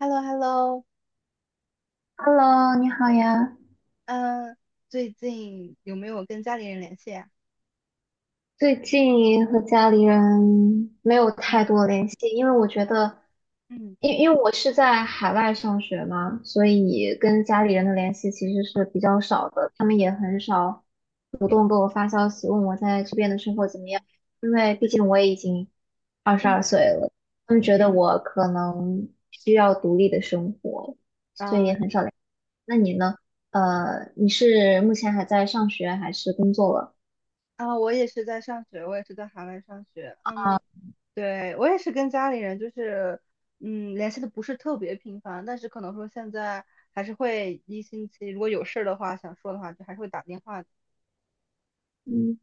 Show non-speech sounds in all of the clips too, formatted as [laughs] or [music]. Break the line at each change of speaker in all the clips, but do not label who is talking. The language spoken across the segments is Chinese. h e l l o h e l l o
Hello，你好呀。
嗯，最近有没有跟家里人联系呀？
最近和家里人没有太
嗯
多联系，因为我觉得，
嗯
因为我是在海外上学嘛，所以跟家里人的联系其实是比较少的，他们也很少主动给我发消息问我在这边的生活怎么样，因为毕竟我也已经二十
嗯，
二岁了，他们觉得我可能需要独立的生活，所以
啊
很少联系。那你呢？你是目前还在上学还是工作了？
啊，我也是在上学，我也是在海外上学。嗯，
啊，
对，我也是跟家里人就是，联系的不是特别频繁，但是可能说现在还是会一星期，如果有事儿的话，想说的话，就还是会打电话的。
嗯，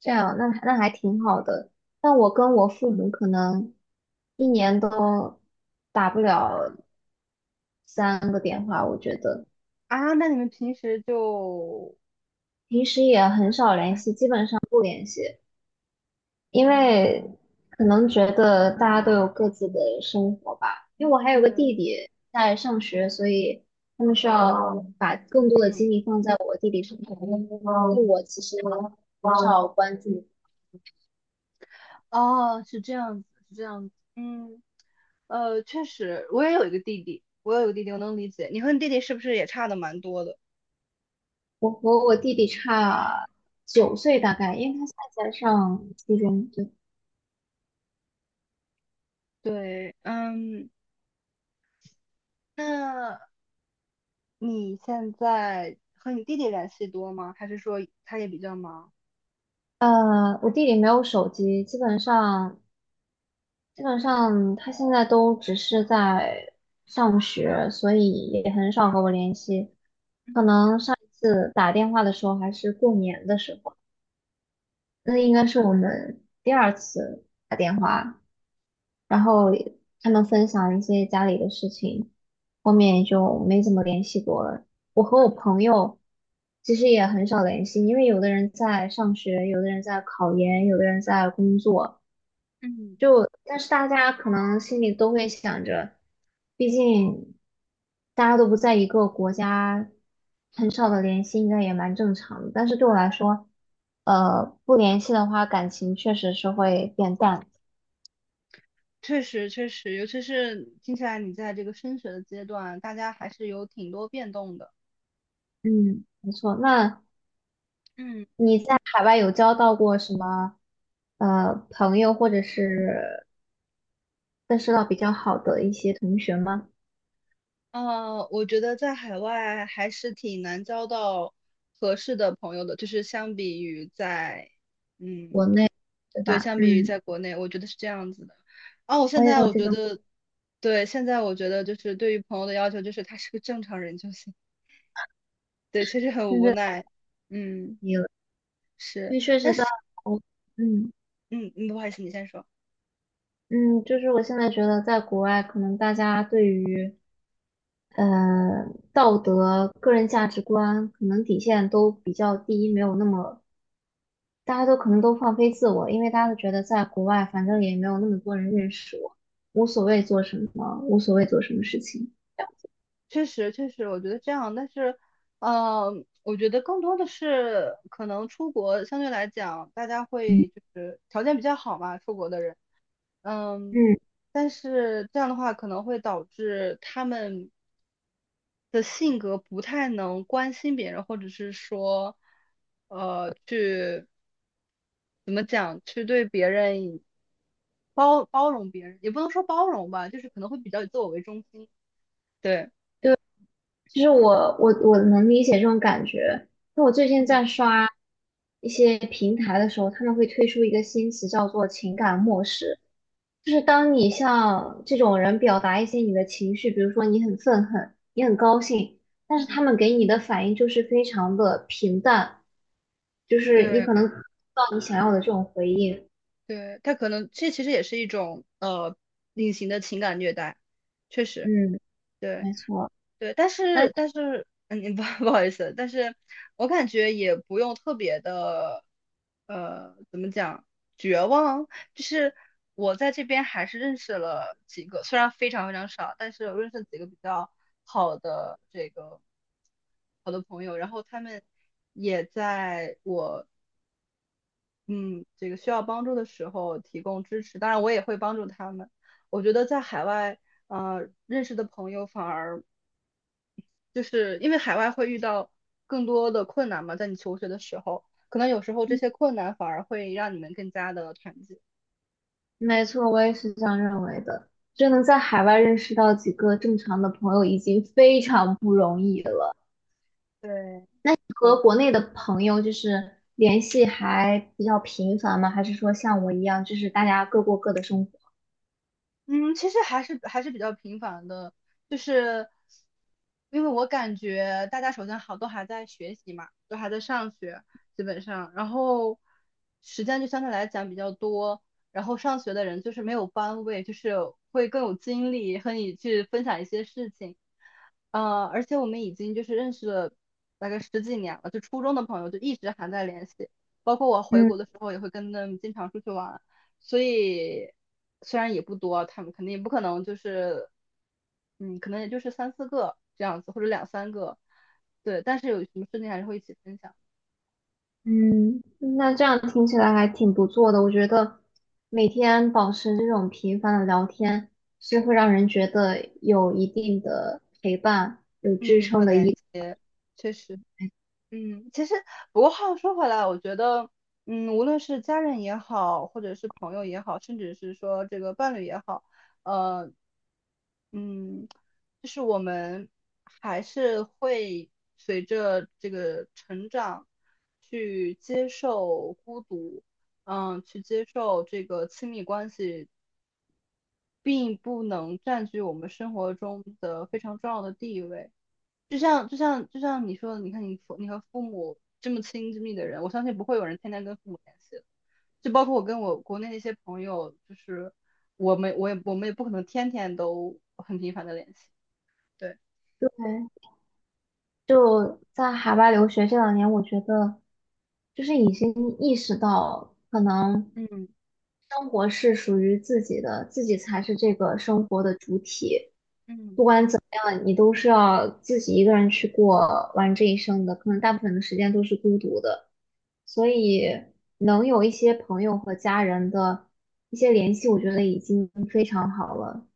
这样，那还挺好的。但我跟我父母可能一年都打不了3个电话，我觉得
啊，那你们平时就，
平时也很少联
哎，
系，基本上不联系，因为可能觉得大家都有各自的生活吧。因为我还有个
对，
弟弟在上学，所以他们需要把更多的
嗯，
精力放在我弟弟身上，因为我其实很少关注。
哦，是这样子，是这样子，嗯。确实，我有一个弟弟，我能理解。你和你弟弟是不是也差的蛮多的？
我和我弟弟差9岁大
嗯，
概，因为他现在在上初中。对，
对，嗯，那你现在和你弟弟联系多吗？还是说他也比较忙？
我弟弟没有手机，基本上他现在都只是在上学，所以也很少和我联系。可能上一次打电话的时候还是过年的时候，那应该是我们第二次打电话，然后他们分享一些家里的事情，后面就没怎么联系过了。其实也很少联系，因为有的人在上学，有的人在考研，有的人在工作，
嗯，
就但是大家可能心里都会想着，毕竟大家都不在一个国家，很少的联系应该也蛮正常的。但是对我来说，不联系的话，感情确实是会变淡。
确实，确实，尤其是听起来你在这个升学的阶段，大家还是有挺多变动的。
嗯，没错。那
嗯，
你在海外有交到过什么朋友，或者是认识到比较好的一些同学吗？
我觉得在海外还是挺难交到合适的朋友的，就是相比于在，嗯，
对
对，
吧？
相比于
嗯，
在国内，我觉得是这样子的。哦，
我
现
也
在
有
我
这
觉
种
得，对，现在我觉得就是对于朋友的要求就是他是个正常人就行。对，确实很
现
无
在
奈。嗯，
也有，因
是，
为确实在我，嗯
嗯，嗯，不好意思，你先说。
嗯，就是我现在觉得在国外，可能大家对于呃道德、个人价值观可能底线都比较低，没有那么大家都可能都放飞自我，因为大家都觉得在国外反正也没有那么多人认识我，无所谓做什么，无所谓做什么事情。
确实，确实，我觉得这样，但是，呃，我觉得更多的是可能出国相对来讲，大家会就是条件比较好嘛，出国的人，嗯，
嗯。
但是这样的话可能会导致他们的性格不太能关心别人，或者是说，去怎么讲，去对别人包容别人，也不能说包容吧，就是可能会比较以自我为中心，对。
其实我能理解这种感觉。那我最近
嗯。
在刷一些平台的时候，他们会推出一个新词叫做"情感漠视"，就是当你向这种人表达一些你的情绪，比如说你很愤恨，你很高兴，但是他们给你的反应就是非常的平淡，就是你可能
对
得不到你想要的这种回应。
对，他可能这其实也是一种隐形的情感虐待，确实，
嗯，
对
没错。
对，但
那
是嗯，不 [laughs] 不好意思，但是我感觉也不用特别的，怎么讲，绝望，就是我在这边还是认识了几个，虽然非常非常少，但是我认识了几个比较好的这个好的朋友，然后他们也在我嗯，这个需要帮助的时候提供支持，当然我也会帮助他们。我觉得在海外，认识的朋友反而就是因为海外会遇到更多的困难嘛，在你求学的时候，可能有时候这些困难反而会让你们更加的团结。
没错，我也是这样认为的。就能在海外认识到几个正常的朋友，已经非常不容易了。
对，
那你和国内的朋友就是联系还比较频繁吗？还是说像我一样，就是大家各过各的生活？
嗯，其实还是比较频繁的，就是因为我感觉大家首先好都还在学习嘛，都还在上学，基本上，然后时间就相对来讲比较多，然后上学的人就是没有班位，就是会更有精力和你去分享一些事情，而且我们已经就是认识了大概十几年了，就初中的朋友就一直还在联系，包括我回
嗯
国的时候也会跟他们经常出去玩。所以虽然也不多，他们肯定也不可能就是，嗯，可能也就是三四个这样子，或者两三个，对。但是有什么事情还是会一起分享，
嗯，那这样听起来还挺不错的。我觉得每天保持这种频繁的聊天，是会让人觉得有一定的陪伴、有支
嗯，和
撑的
连
依。
接，确实，嗯，其实不过话又说回来，我觉得，嗯，无论是家人也好，或者是朋友也好，甚至是说这个伴侣也好，呃，嗯，就是我们还是会随着这个成长去接受孤独，去接受这个亲密关系，并不能占据我们生活中的非常重要的地位。就像你说的，你看你和父母这么亲这么密的人，我相信不会有人天天跟父母联系的。就包括我跟我国内一些朋友，就是我们也不可能天天都很频繁的联系。对。
对就在海外留学这2年，我觉得就是已经意识到，可能
嗯
生活是属于自己的，自己才是这个生活的主体。
嗯
不管怎么样，你都是要自己一个人去过完这一生的，可能大部分的时间都是孤独的。所以能有一些朋友和家人的一些联系，我觉得已经非常好了。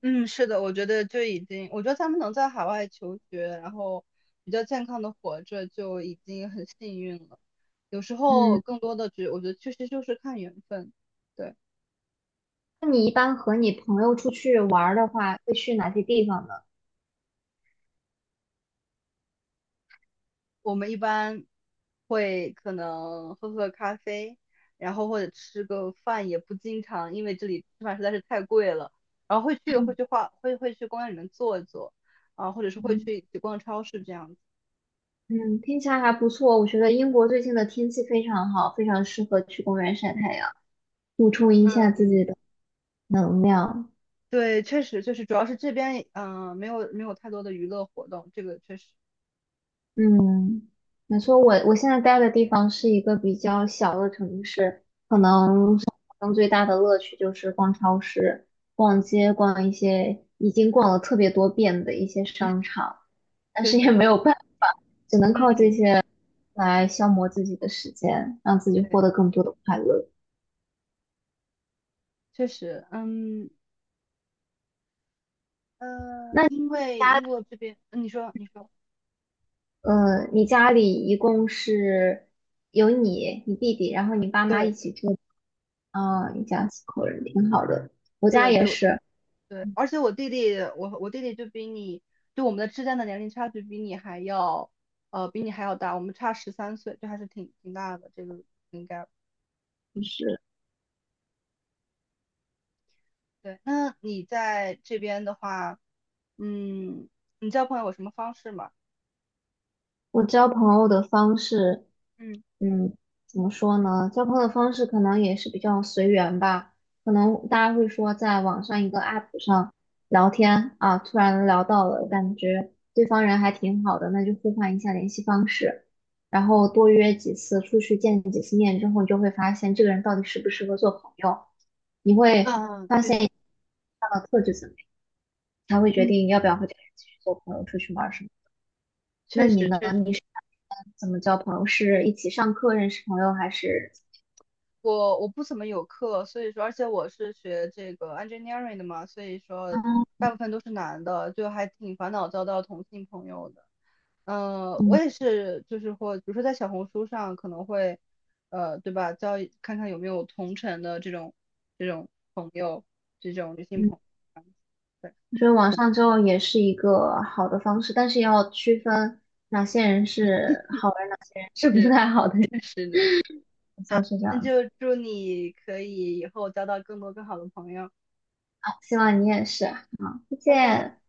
嗯，是的，我觉得就已经，我觉得他们能在海外求学，然后比较健康的活着，就已经很幸运了。有时候
嗯，
更多的我觉得确实就是看缘分。对，
那你一般和你朋友出去玩儿的话，会去哪些地方呢？
我们一般会可能喝喝咖啡，然后或者吃个饭，也不经常，因为这里吃饭实在是太贵了。然后会去公园里面坐一坐，啊，或者是会去一起逛超市这样子。
嗯，听起来还不错。我觉得英国最近的天气非常好，非常适合去公园晒太阳，补充一下自己的能量。
对，确实就是，主要是这边没有太多的娱乐活动，这个确实，
嗯，没错，我现在待的地方是一个比较小的城市，可
嗯，
能生活中最大的乐趣就是逛超市、逛街、逛一些已经逛了特别多遍的一些商场，但
确
是也
实，
没有办法，只能靠
嗯，
这些来消磨自己的时间，让自己
对，
获得更多的快乐。
确实，
那
因为
家。
英国这边，嗯你说你说，
你家里一共是有你、你弟弟，然后你爸妈
对
一起住，啊、一家四口人，挺好的。我家
对
也
对
是，
对，而且我弟弟，我弟弟就比你，就我们的之间的年龄差距比你还要大，我们差13岁，这还是挺大的，这个应该对。那你在这边的话，嗯，你交朋友有什么方式吗？
我交朋友的方式，
嗯
嗯，怎么说呢？交朋友的方式可能也是比较随缘吧。可能大家会说，在网上一个 app 上聊天啊，突然聊到了，感觉对方人还挺好的，那就互换一下联系方式，然后多约几次出去见几次面之后，你就会发现这个人到底适不适合做朋友，你会
嗯，
发
确
现
实。
他的特质怎么样，才会决定要不要和这个人继续做朋友，出去玩儿什么。那
确
你
实
呢？
确实，
你？怎么交朋友？是一起上课认识朋友，还是
我不怎么有课，所以说，而且我是学这个 engineering 的嘛，所以说大部分都是男的，就还挺烦恼交到同性朋友的。嗯、我
嗯
也是，就是或比如说在小红书上可能会，对吧，看看有没有同城的这种朋友，这种女性
嗯？
朋友。对，
我觉得网上交友也是一个好的方式，但是要区分哪些人是好人，哪些人是不
是
太好的人，
[laughs] 是的是。
[laughs] 就
好，
是这
那
样子。
就祝你可以以后交到更多更好的朋友，
啊希望你也是啊。好，再
拜拜。
见。